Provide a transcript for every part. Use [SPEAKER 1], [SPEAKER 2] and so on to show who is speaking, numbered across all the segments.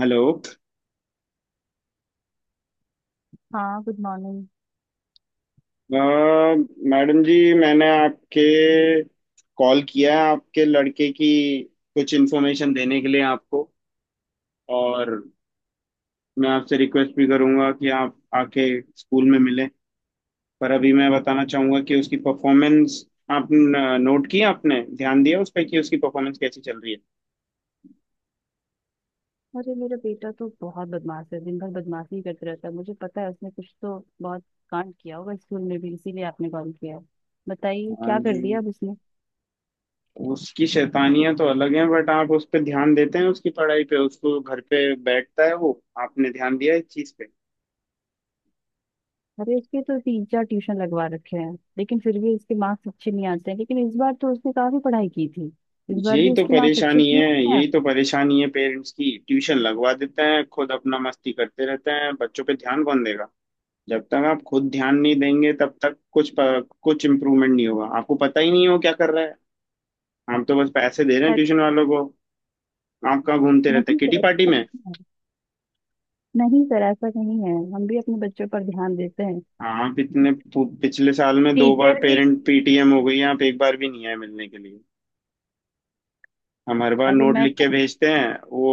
[SPEAKER 1] Hello.
[SPEAKER 2] हाँ, good morning.
[SPEAKER 1] अ, madam ji, मैंने आपके कॉल किया है आपके लड़के की कुछ इन्फॉर्मेशन देने के लिए आपको। और मैं आपसे रिक्वेस्ट भी करूंगा कि आप आके स्कूल में मिलें। पर अभी मैं बताना चाहूंगा कि उसकी परफॉर्मेंस आप नोट की, आपने ध्यान दिया उस पर कि उसकी परफॉर्मेंस कैसी चल रही है।
[SPEAKER 2] अरे, मेरा बेटा तो बहुत बदमाश है, दिन भर बदमाशी ही करते रहता है। मुझे पता है उसने कुछ तो बहुत कांड किया होगा स्कूल में भी, इसीलिए आपने कॉल किया है। बताइए,
[SPEAKER 1] हाँ
[SPEAKER 2] क्या
[SPEAKER 1] जी,
[SPEAKER 2] कर दिया अब उसने?
[SPEAKER 1] उसकी शैतानियां तो अलग हैं, बट आप उस पर ध्यान देते हैं उसकी पढ़ाई पे, उसको घर पे बैठता है वो, आपने ध्यान दिया इस चीज़ पे।
[SPEAKER 2] अरे, उसके तो तीन चार ट्यूशन लगवा रखे हैं, लेकिन फिर भी उसके मार्क्स अच्छे नहीं आते हैं। लेकिन इस बार तो उसने काफी पढ़ाई की थी, इस बार भी
[SPEAKER 1] यही तो
[SPEAKER 2] उसके मार्क्स अच्छे
[SPEAKER 1] परेशानी है,
[SPEAKER 2] क्यों आ
[SPEAKER 1] यही
[SPEAKER 2] गया?
[SPEAKER 1] तो परेशानी है पेरेंट्स की। ट्यूशन लगवा देते हैं, खुद अपना मस्ती करते रहते हैं, बच्चों पे ध्यान कौन देगा। जब तक आप खुद ध्यान नहीं देंगे तब तक कुछ कुछ इम्प्रूवमेंट नहीं होगा। आपको पता ही नहीं हो क्या कर रहा है। हम तो बस पैसे दे रहे हैं
[SPEAKER 2] अरे,
[SPEAKER 1] ट्यूशन वालों को। आप कहाँ घूमते रहते हैं,
[SPEAKER 2] नहीं
[SPEAKER 1] किटी
[SPEAKER 2] सर,
[SPEAKER 1] पार्टी
[SPEAKER 2] ऐसा
[SPEAKER 1] में।
[SPEAKER 2] नहीं है। नहीं सर, ऐसा नहीं है, हम भी अपने बच्चों पर ध्यान देते हैं।
[SPEAKER 1] आप इतने पिछले साल में दो बार
[SPEAKER 2] टीचर भी
[SPEAKER 1] पेरेंट पीटीएम हो गई, आप एक बार भी नहीं आए मिलने के लिए। हम हर बार
[SPEAKER 2] अरे
[SPEAKER 1] नोट लिख के भेजते हैं वो,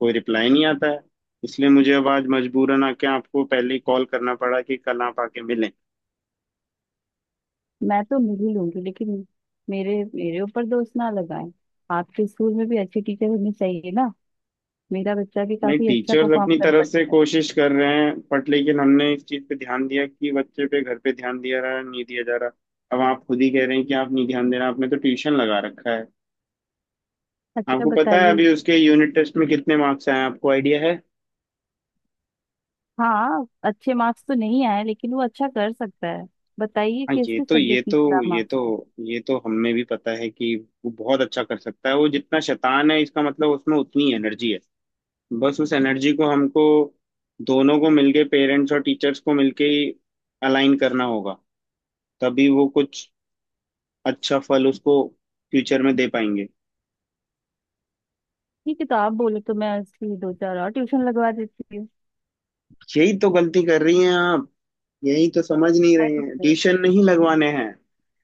[SPEAKER 1] कोई रिप्लाई नहीं आता है। इसलिए मुझे अब आज मजबूरन आके आपको पहले ही कॉल करना पड़ा कि कल आप आके मिलें।
[SPEAKER 2] मैं तो नहीं लूंगी, लेकिन मेरे मेरे ऊपर दोष ना लगाएं। आपके स्कूल में भी अच्छी टीचर होनी चाहिए ना। मेरा बच्चा भी
[SPEAKER 1] नहीं,
[SPEAKER 2] काफी अच्छा
[SPEAKER 1] टीचर्स
[SPEAKER 2] परफॉर्म
[SPEAKER 1] अपनी
[SPEAKER 2] कर
[SPEAKER 1] तरफ से
[SPEAKER 2] सकता है।
[SPEAKER 1] कोशिश कर रहे हैं बट लेकिन हमने इस चीज़ पे ध्यान दिया कि बच्चे पे घर पे ध्यान दिया रहा नहीं, दिया जा रहा। अब आप खुद ही कह रहे हैं कि आप नहीं ध्यान दे रहे, आपने तो ट्यूशन लगा रखा है।
[SPEAKER 2] अच्छा,
[SPEAKER 1] आपको पता है
[SPEAKER 2] बताइए।
[SPEAKER 1] अभी उसके यूनिट टेस्ट में कितने मार्क्स आए हैं? आपको आइडिया है?
[SPEAKER 2] हाँ, अच्छे मार्क्स तो नहीं आए, लेकिन वो अच्छा कर सकता है। बताइए
[SPEAKER 1] हाँ,
[SPEAKER 2] किस किस सब्जेक्ट में खराब
[SPEAKER 1] ये तो
[SPEAKER 2] मार्क्स आए?
[SPEAKER 1] ये तो हमें भी पता है कि वो बहुत अच्छा कर सकता है। वो जितना शैतान है, इसका मतलब उसमें उतनी एनर्जी है। बस उस एनर्जी को हमको दोनों को मिलके, पेरेंट्स और टीचर्स को मिलके ही अलाइन करना होगा। तभी वो कुछ अच्छा फल उसको फ्यूचर में दे पाएंगे।
[SPEAKER 2] ठीक है, तो आप बोले तो मैं उसकी दो चार और ट्यूशन लगवा देती हूँ।
[SPEAKER 1] यही तो गलती कर रही हैं आप। यही तो समझ नहीं रहे
[SPEAKER 2] अरे
[SPEAKER 1] हैं,
[SPEAKER 2] वाह।
[SPEAKER 1] ट्यूशन नहीं लगवाने हैं।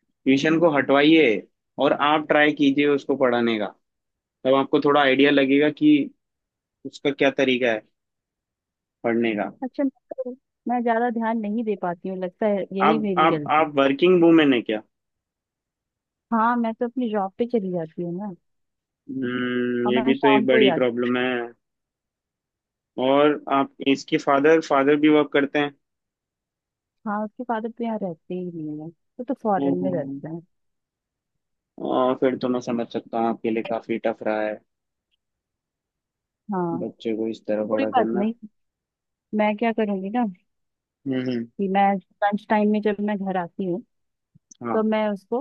[SPEAKER 1] ट्यूशन को हटवाइए, और आप ट्राई कीजिए उसको पढ़ाने का। तब आपको थोड़ा आइडिया लगेगा कि उसका क्या तरीका है पढ़ने का।
[SPEAKER 2] अच्छा, तो मैं ज्यादा ध्यान नहीं दे पाती हूँ, लगता है यही
[SPEAKER 1] आप
[SPEAKER 2] मेरी
[SPEAKER 1] आप
[SPEAKER 2] गलती।
[SPEAKER 1] आप वर्किंग वूमेन है क्या?
[SPEAKER 2] हाँ, मैं तो अपनी जॉब पे चली जाती हूँ ना।
[SPEAKER 1] हम्म,
[SPEAKER 2] और
[SPEAKER 1] ये
[SPEAKER 2] मैं
[SPEAKER 1] भी तो एक
[SPEAKER 2] शाम को ही
[SPEAKER 1] बड़ी
[SPEAKER 2] आती
[SPEAKER 1] प्रॉब्लम है। और आप इसके फादर फादर भी वर्क करते हैं?
[SPEAKER 2] हाँ, उसके फादर तो यहाँ रहते ही नहीं है, वो तो फॉरेन में
[SPEAKER 1] हम्म,
[SPEAKER 2] रहते हैं।
[SPEAKER 1] और फिर तो मैं समझ सकता हूँ आपके लिए काफी टफ रहा है
[SPEAKER 2] हाँ।
[SPEAKER 1] बच्चे को इस तरह
[SPEAKER 2] कोई
[SPEAKER 1] बड़ा
[SPEAKER 2] बात
[SPEAKER 1] करना।
[SPEAKER 2] नहीं। मैं क्या करूंगी ना,
[SPEAKER 1] हम्म।
[SPEAKER 2] कि मैं लंच टाइम में जब मैं घर आती हूँ तो
[SPEAKER 1] हाँ
[SPEAKER 2] मैं उसको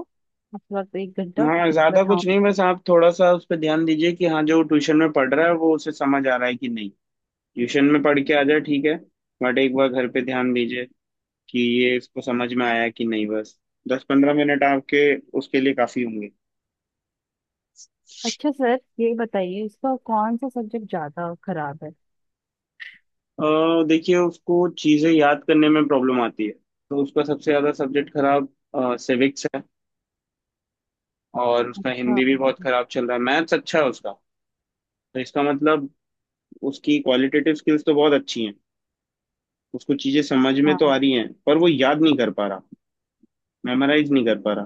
[SPEAKER 2] उस वक्त एक घंटा
[SPEAKER 1] हाँ, ज्यादा कुछ
[SPEAKER 2] बैठाऊंगी।
[SPEAKER 1] नहीं, बस आप थोड़ा सा उस पर ध्यान दीजिए कि हाँ, जो ट्यूशन में पढ़ रहा है वो उसे समझ आ रहा है कि नहीं। ट्यूशन में पढ़ के आ जाए, ठीक है, बट एक बार घर पे ध्यान दीजिए कि ये इसको समझ में आया कि नहीं, बस। 10-15 मिनट आपके उसके लिए काफी होंगे।
[SPEAKER 2] अच्छा सर, ये बताइए इसका कौन सा सब्जेक्ट ज्यादा खराब है?
[SPEAKER 1] देखिए, उसको चीजें याद करने में प्रॉब्लम आती है। तो उसका सबसे ज्यादा सब्जेक्ट खराब सिविक्स है। और उसका
[SPEAKER 2] अच्छा।
[SPEAKER 1] हिंदी भी बहुत खराब चल रहा है, मैथ्स अच्छा है उसका। तो इसका मतलब उसकी क्वालिटेटिव स्किल्स तो बहुत अच्छी हैं, उसको चीजें समझ में तो आ
[SPEAKER 2] हाँ।
[SPEAKER 1] रही हैं पर वो याद नहीं कर पा रहा, मेमोराइज नहीं कर पा रहा।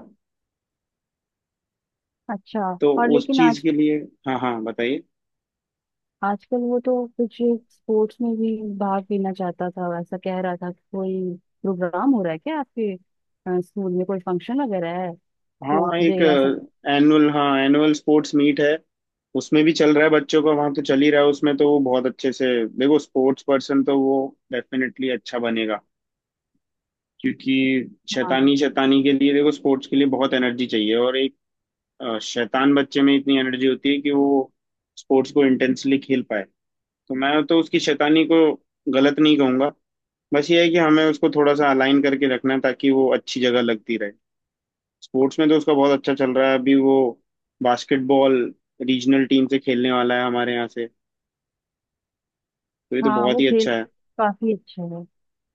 [SPEAKER 2] अच्छा।
[SPEAKER 1] तो
[SPEAKER 2] और
[SPEAKER 1] उस
[SPEAKER 2] लेकिन
[SPEAKER 1] चीज
[SPEAKER 2] आज
[SPEAKER 1] के लिए हाँ हाँ, बताइए।
[SPEAKER 2] आजकल वो तो कुछ स्पोर्ट्स में भी भाग लेना चाहता था, ऐसा कह रहा था। कोई प्रोग्राम हो रहा है क्या आपके स्कूल में? कोई फंक्शन वगैरह है?
[SPEAKER 1] हाँ,
[SPEAKER 2] स्पोर्ट्स
[SPEAKER 1] एक
[SPEAKER 2] डे या
[SPEAKER 1] एनुअल हाँ एनुअल स्पोर्ट्स मीट है, उसमें भी चल रहा है बच्चों का, वहाँ तो चल ही रहा है, उसमें तो वो बहुत अच्छे से। देखो, स्पोर्ट्स पर्सन तो वो डेफिनेटली अच्छा बनेगा, क्योंकि
[SPEAKER 2] सब।
[SPEAKER 1] शैतानी, शैतानी के लिए देखो स्पोर्ट्स के लिए बहुत एनर्जी चाहिए, और एक शैतान बच्चे में इतनी एनर्जी होती है कि वो स्पोर्ट्स को इंटेंसली खेल पाए। तो मैं तो उसकी शैतानी को गलत नहीं कहूंगा, बस ये है कि हमें उसको थोड़ा सा अलाइन करके रखना है ताकि वो अच्छी जगह लगती रहे। स्पोर्ट्स में तो उसका बहुत अच्छा चल रहा है, अभी वो बास्केटबॉल रीजनल टीम से खेलने वाला है हमारे यहाँ से, तो ये तो
[SPEAKER 2] हाँ,
[SPEAKER 1] बहुत
[SPEAKER 2] वो
[SPEAKER 1] ही
[SPEAKER 2] खेल
[SPEAKER 1] अच्छा है।
[SPEAKER 2] काफी अच्छा है।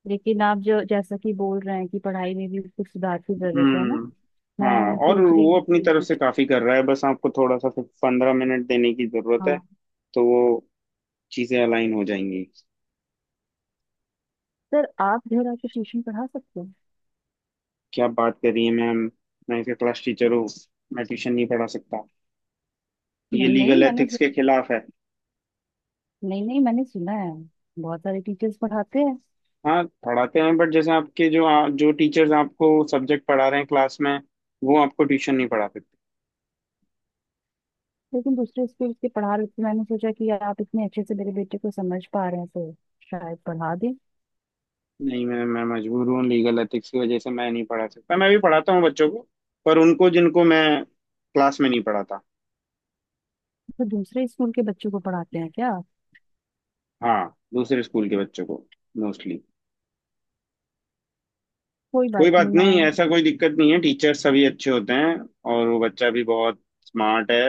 [SPEAKER 2] लेकिन आप जो जैसा कि बोल रहे हैं कि पढ़ाई में भी कुछ सुधार की जरूरत है ना।
[SPEAKER 1] हम्म, हाँ,
[SPEAKER 2] मैं
[SPEAKER 1] और
[SPEAKER 2] सोच रही
[SPEAKER 1] वो
[SPEAKER 2] हूँ
[SPEAKER 1] अपनी तरफ
[SPEAKER 2] कि
[SPEAKER 1] से काफी कर रहा है, बस आपको थोड़ा सा 15 मिनट देने की जरूरत है।
[SPEAKER 2] हाँ।
[SPEAKER 1] तो वो चीजें अलाइन हो जाएंगी।
[SPEAKER 2] सर, आप घर आके ट्यूशन पढ़ा सकते हैं?
[SPEAKER 1] क्या बात कर रही है मैम, मैं इसका क्लास टीचर हूँ। मैं ट्यूशन नहीं पढ़ा सकता, ये
[SPEAKER 2] नहीं नहीं
[SPEAKER 1] लीगल
[SPEAKER 2] मैंने
[SPEAKER 1] एथिक्स
[SPEAKER 2] सु-
[SPEAKER 1] के खिलाफ है।
[SPEAKER 2] नहीं नहीं, मैंने सुना है बहुत सारे टीचर्स पढ़ाते हैं।
[SPEAKER 1] हाँ पढ़ाते हैं बट जैसे आपके जो जो टीचर्स आपको सब्जेक्ट पढ़ा रहे हैं क्लास में, वो आपको ट्यूशन नहीं पढ़ा सकते।
[SPEAKER 2] लेकिन दूसरे स्कूल के पढ़ा रहे थे, मैंने सोचा कि आप इतने अच्छे से मेरे बेटे को समझ पा रहे हैं तो शायद पढ़ा दें।
[SPEAKER 1] नहीं, मैं मजबूर हूँ, लीगल एथिक्स की वजह से मैं नहीं पढ़ा सकता। मैं भी पढ़ाता हूँ बच्चों को, पर उनको जिनको मैं क्लास में नहीं पढ़ाता।
[SPEAKER 2] तो दूसरे स्कूल के बच्चों को पढ़ाते हैं क्या?
[SPEAKER 1] हाँ, दूसरे स्कूल के बच्चों को मोस्टली।
[SPEAKER 2] कोई
[SPEAKER 1] कोई
[SPEAKER 2] बात नहीं,
[SPEAKER 1] बात नहीं,
[SPEAKER 2] मैं
[SPEAKER 1] ऐसा कोई दिक्कत नहीं है, टीचर सभी अच्छे होते हैं। और वो बच्चा भी बहुत स्मार्ट है,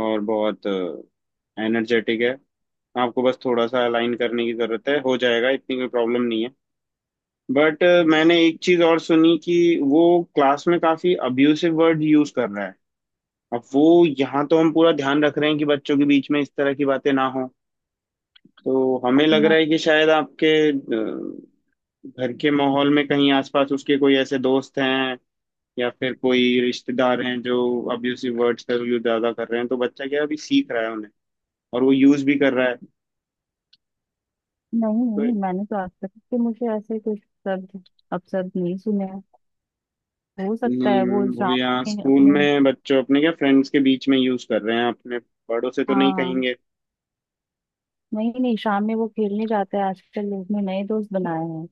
[SPEAKER 1] और बहुत एनर्जेटिक है। आपको बस थोड़ा सा अलाइन करने की जरूरत है, हो जाएगा, इतनी कोई प्रॉब्लम नहीं है। बट मैंने एक चीज और सुनी कि वो क्लास में काफी अब्यूसिव वर्ड यूज कर रहा है। अब वो यहाँ तो हम पूरा ध्यान रख रहे हैं कि बच्चों के बीच में इस तरह की बातें ना हो, तो हमें लग रहा है कि शायद आपके घर के माहौल में कहीं आसपास उसके कोई ऐसे दोस्त हैं या फिर कोई रिश्तेदार हैं जो अब्यूसिव वर्ड्स का यूज ज्यादा कर रहे हैं, तो बच्चा क्या है, अभी सीख रहा है उन्हें और वो यूज भी कर रहा है।
[SPEAKER 2] नहीं
[SPEAKER 1] तो
[SPEAKER 2] नहीं, मैंने तो आज तक कि मुझे ऐसे कुछ शब्द अपशब्द नहीं सुने हैं। हो सकता
[SPEAKER 1] नहीं,
[SPEAKER 2] है वो
[SPEAKER 1] वो
[SPEAKER 2] शाम
[SPEAKER 1] यहाँ
[SPEAKER 2] में
[SPEAKER 1] स्कूल
[SPEAKER 2] अपने,
[SPEAKER 1] में बच्चों अपने क्या फ्रेंड्स के बीच में यूज कर रहे हैं अपने, बड़ों से तो नहीं
[SPEAKER 2] हाँ।
[SPEAKER 1] कहेंगे।
[SPEAKER 2] नहीं नहीं, शाम में वो खेलने जाता है, आजकल उसने नए दोस्त बनाए हैं,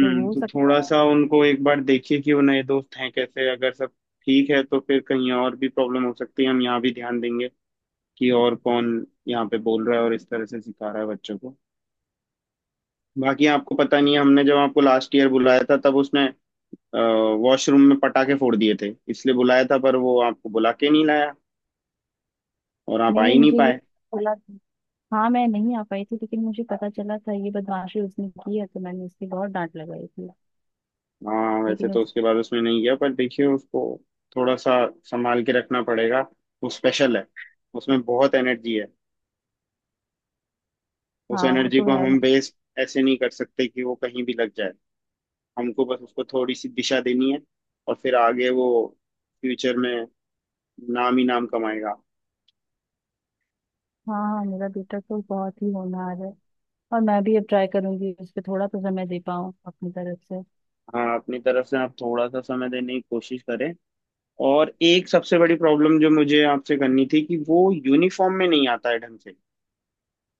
[SPEAKER 2] तो हो
[SPEAKER 1] तो थोड़ा
[SPEAKER 2] सकता है।
[SPEAKER 1] सा उनको एक बार देखिए कि वो नए दोस्त हैं कैसे, अगर सब ठीक है तो फिर कहीं और भी प्रॉब्लम हो सकती है। हम यहाँ भी ध्यान देंगे कि और कौन यहाँ पे बोल रहा है और इस तरह से सिखा रहा है बच्चों को। बाकी आपको पता नहीं है, हमने जब आपको लास्ट ईयर बुलाया था तब उसने वॉशरूम में पटाखे फोड़ दिए थे, इसलिए बुलाया था, पर वो आपको बुला के नहीं लाया और आप आ
[SPEAKER 2] नहीं,
[SPEAKER 1] ही नहीं
[SPEAKER 2] मुझे ये
[SPEAKER 1] पाए।
[SPEAKER 2] चला हाँ, मैं नहीं आ पाई थी, लेकिन मुझे पता चला था ये बदमाशी उसने की है, तो मैंने उसकी बहुत डांट लगाई थी।
[SPEAKER 1] हाँ, वैसे
[SPEAKER 2] लेकिन
[SPEAKER 1] तो
[SPEAKER 2] उस
[SPEAKER 1] उसके बाद उसमें नहीं गया, पर देखिए उसको थोड़ा सा संभाल के रखना पड़ेगा। वो स्पेशल है, उसमें बहुत एनर्जी है, उस
[SPEAKER 2] हाँ, वो
[SPEAKER 1] एनर्जी
[SPEAKER 2] तो
[SPEAKER 1] को
[SPEAKER 2] है।
[SPEAKER 1] हम वेस्ट ऐसे नहीं कर सकते कि वो कहीं भी लग जाए। हमको बस उसको थोड़ी सी दिशा देनी है और फिर आगे वो फ्यूचर में नाम ही नाम कमाएगा।
[SPEAKER 2] हाँ हाँ, मेरा बेटा तो बहुत ही होनहार है। और मैं भी अब ट्राई करूंगी उस पर थोड़ा तो समय दे पाऊँ अपनी तरफ से।
[SPEAKER 1] हाँ, अपनी तरफ से आप थोड़ा सा समय देने की कोशिश करें। और एक सबसे बड़ी प्रॉब्लम जो मुझे आपसे करनी थी कि वो यूनिफॉर्म में नहीं आता है ढंग से,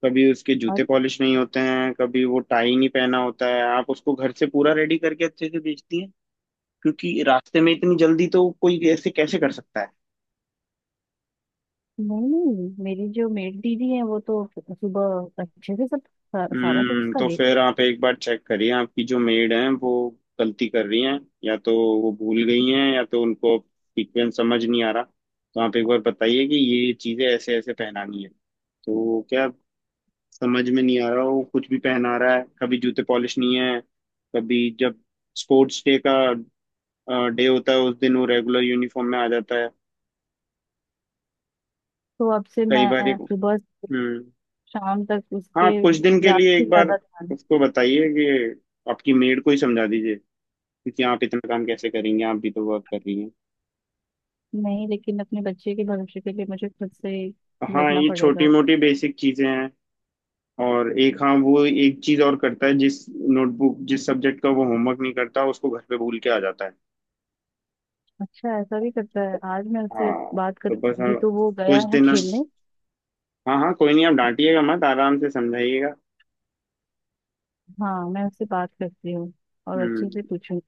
[SPEAKER 1] कभी उसके
[SPEAKER 2] और
[SPEAKER 1] जूते पॉलिश नहीं होते हैं, कभी वो टाई नहीं पहना होता है। आप उसको घर से पूरा रेडी करके अच्छे से बेचती हैं, क्योंकि रास्ते में इतनी जल्दी तो कोई ऐसे कैसे कर सकता है।
[SPEAKER 2] नहीं नहीं, मेरी जो मेड दीदी है वो तो सुबह अच्छे से सब सारा कुछ
[SPEAKER 1] हम्म,
[SPEAKER 2] उसका
[SPEAKER 1] तो
[SPEAKER 2] देख।
[SPEAKER 1] फिर आप एक बार चेक करिए आपकी जो मेड हैं वो गलती कर रही हैं, या तो वो भूल गई हैं या तो उनको सीक्वेंस समझ नहीं आ रहा। तो आप एक बार बताइए कि ये चीज़ें ऐसे ऐसे पहनानी है, तो वो क्या समझ में नहीं आ रहा, वो कुछ भी पहना रहा है, कभी जूते पॉलिश नहीं है, कभी जब स्पोर्ट्स डे का डे होता है उस दिन वो रेगुलर यूनिफॉर्म में आ जाता है।
[SPEAKER 2] तो अब से
[SPEAKER 1] कई बार
[SPEAKER 2] मैं
[SPEAKER 1] एक,
[SPEAKER 2] सुबह
[SPEAKER 1] हम्म,
[SPEAKER 2] शाम तक उस
[SPEAKER 1] हाँ
[SPEAKER 2] पे
[SPEAKER 1] आप कुछ दिन के
[SPEAKER 2] ज्यादा
[SPEAKER 1] लिए
[SPEAKER 2] से
[SPEAKER 1] एक बार
[SPEAKER 2] ज्यादा ध्यान
[SPEAKER 1] उसको बताइए कि आपकी मेड को ही समझा दीजिए, क्योंकि आप इतना काम कैसे करेंगे, आप भी तो वर्क कर रही हैं।
[SPEAKER 2] नहीं, लेकिन अपने बच्चे के भविष्य के लिए मुझे खुद से ही
[SPEAKER 1] हाँ,
[SPEAKER 2] लगना
[SPEAKER 1] ये छोटी
[SPEAKER 2] पड़ेगा।
[SPEAKER 1] मोटी बेसिक चीजें हैं। और एक, हाँ, वो एक चीज और करता है, जिस नोटबुक जिस सब्जेक्ट का वो होमवर्क नहीं करता उसको घर पे भूल के आ जाता है।
[SPEAKER 2] अच्छा, ऐसा भी करता है? आज मैं उससे
[SPEAKER 1] हाँ,
[SPEAKER 2] बात
[SPEAKER 1] तो
[SPEAKER 2] कर,
[SPEAKER 1] बस हाँ,
[SPEAKER 2] अभी तो वो गया
[SPEAKER 1] कुछ
[SPEAKER 2] है
[SPEAKER 1] दिन,
[SPEAKER 2] खेलने।
[SPEAKER 1] हाँ हाँ, कोई नहीं, आप डांटिएगा मत, आराम से समझाइएगा।
[SPEAKER 2] हाँ, मैं उससे बात करती हूँ और
[SPEAKER 1] हम्म।
[SPEAKER 2] अच्छे से पूछूंगी।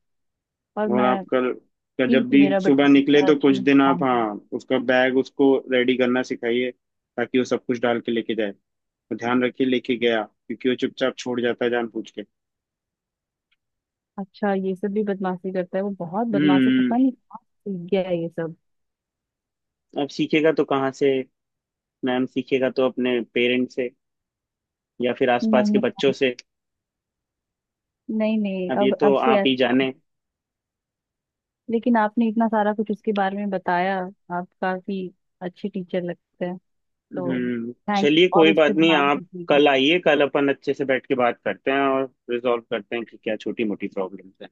[SPEAKER 2] और
[SPEAKER 1] और आप
[SPEAKER 2] मैं
[SPEAKER 1] कल का जब
[SPEAKER 2] कि
[SPEAKER 1] भी
[SPEAKER 2] मेरा
[SPEAKER 1] सुबह निकले
[SPEAKER 2] बच्चा
[SPEAKER 1] तो
[SPEAKER 2] अच्छा
[SPEAKER 1] कुछ
[SPEAKER 2] नहीं
[SPEAKER 1] दिन आप,
[SPEAKER 2] परफॉर्म कर।
[SPEAKER 1] हाँ, उसका बैग उसको रेडी करना सिखाइए, ताकि वो सब कुछ डाल के लेके जाए, तो ध्यान रखिए लेके गया, क्योंकि वो चुपचाप छोड़ जाता है जान पूछ के।
[SPEAKER 2] अच्छा, ये सब भी बदमाशी करता है? वो बहुत बदमाश है, पता
[SPEAKER 1] हम्म,
[SPEAKER 2] नहीं कहाँ से सीख गया है ये सब।
[SPEAKER 1] अब सीखेगा तो कहाँ से, मैम सीखेगा तो अपने पेरेंट्स से या फिर आसपास के
[SPEAKER 2] नहीं
[SPEAKER 1] बच्चों से,
[SPEAKER 2] नहीं नहीं,
[SPEAKER 1] अब ये
[SPEAKER 2] अब
[SPEAKER 1] तो
[SPEAKER 2] अब से
[SPEAKER 1] आप
[SPEAKER 2] ऐस-।
[SPEAKER 1] ही जाने।
[SPEAKER 2] लेकिन आपने इतना सारा कुछ उसके बारे में बताया, आप काफी अच्छे टीचर लगते हैं। तो
[SPEAKER 1] हम्म,
[SPEAKER 2] थैंक
[SPEAKER 1] चलिए
[SPEAKER 2] और
[SPEAKER 1] कोई
[SPEAKER 2] उस
[SPEAKER 1] बात
[SPEAKER 2] पर
[SPEAKER 1] नहीं,
[SPEAKER 2] ध्यान
[SPEAKER 1] आप
[SPEAKER 2] दीजिएगा।
[SPEAKER 1] कल आइए, कल अपन अच्छे से बैठ के बात करते हैं और रिजॉल्व करते हैं कि क्या छोटी मोटी प्रॉब्लम्स हैं।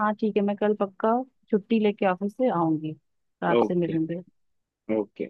[SPEAKER 2] हाँ ठीक है, मैं कल पक्का छुट्टी लेके ऑफिस से आऊंगी तो आपसे
[SPEAKER 1] ओके,
[SPEAKER 2] मिलूंगी।
[SPEAKER 1] ओके।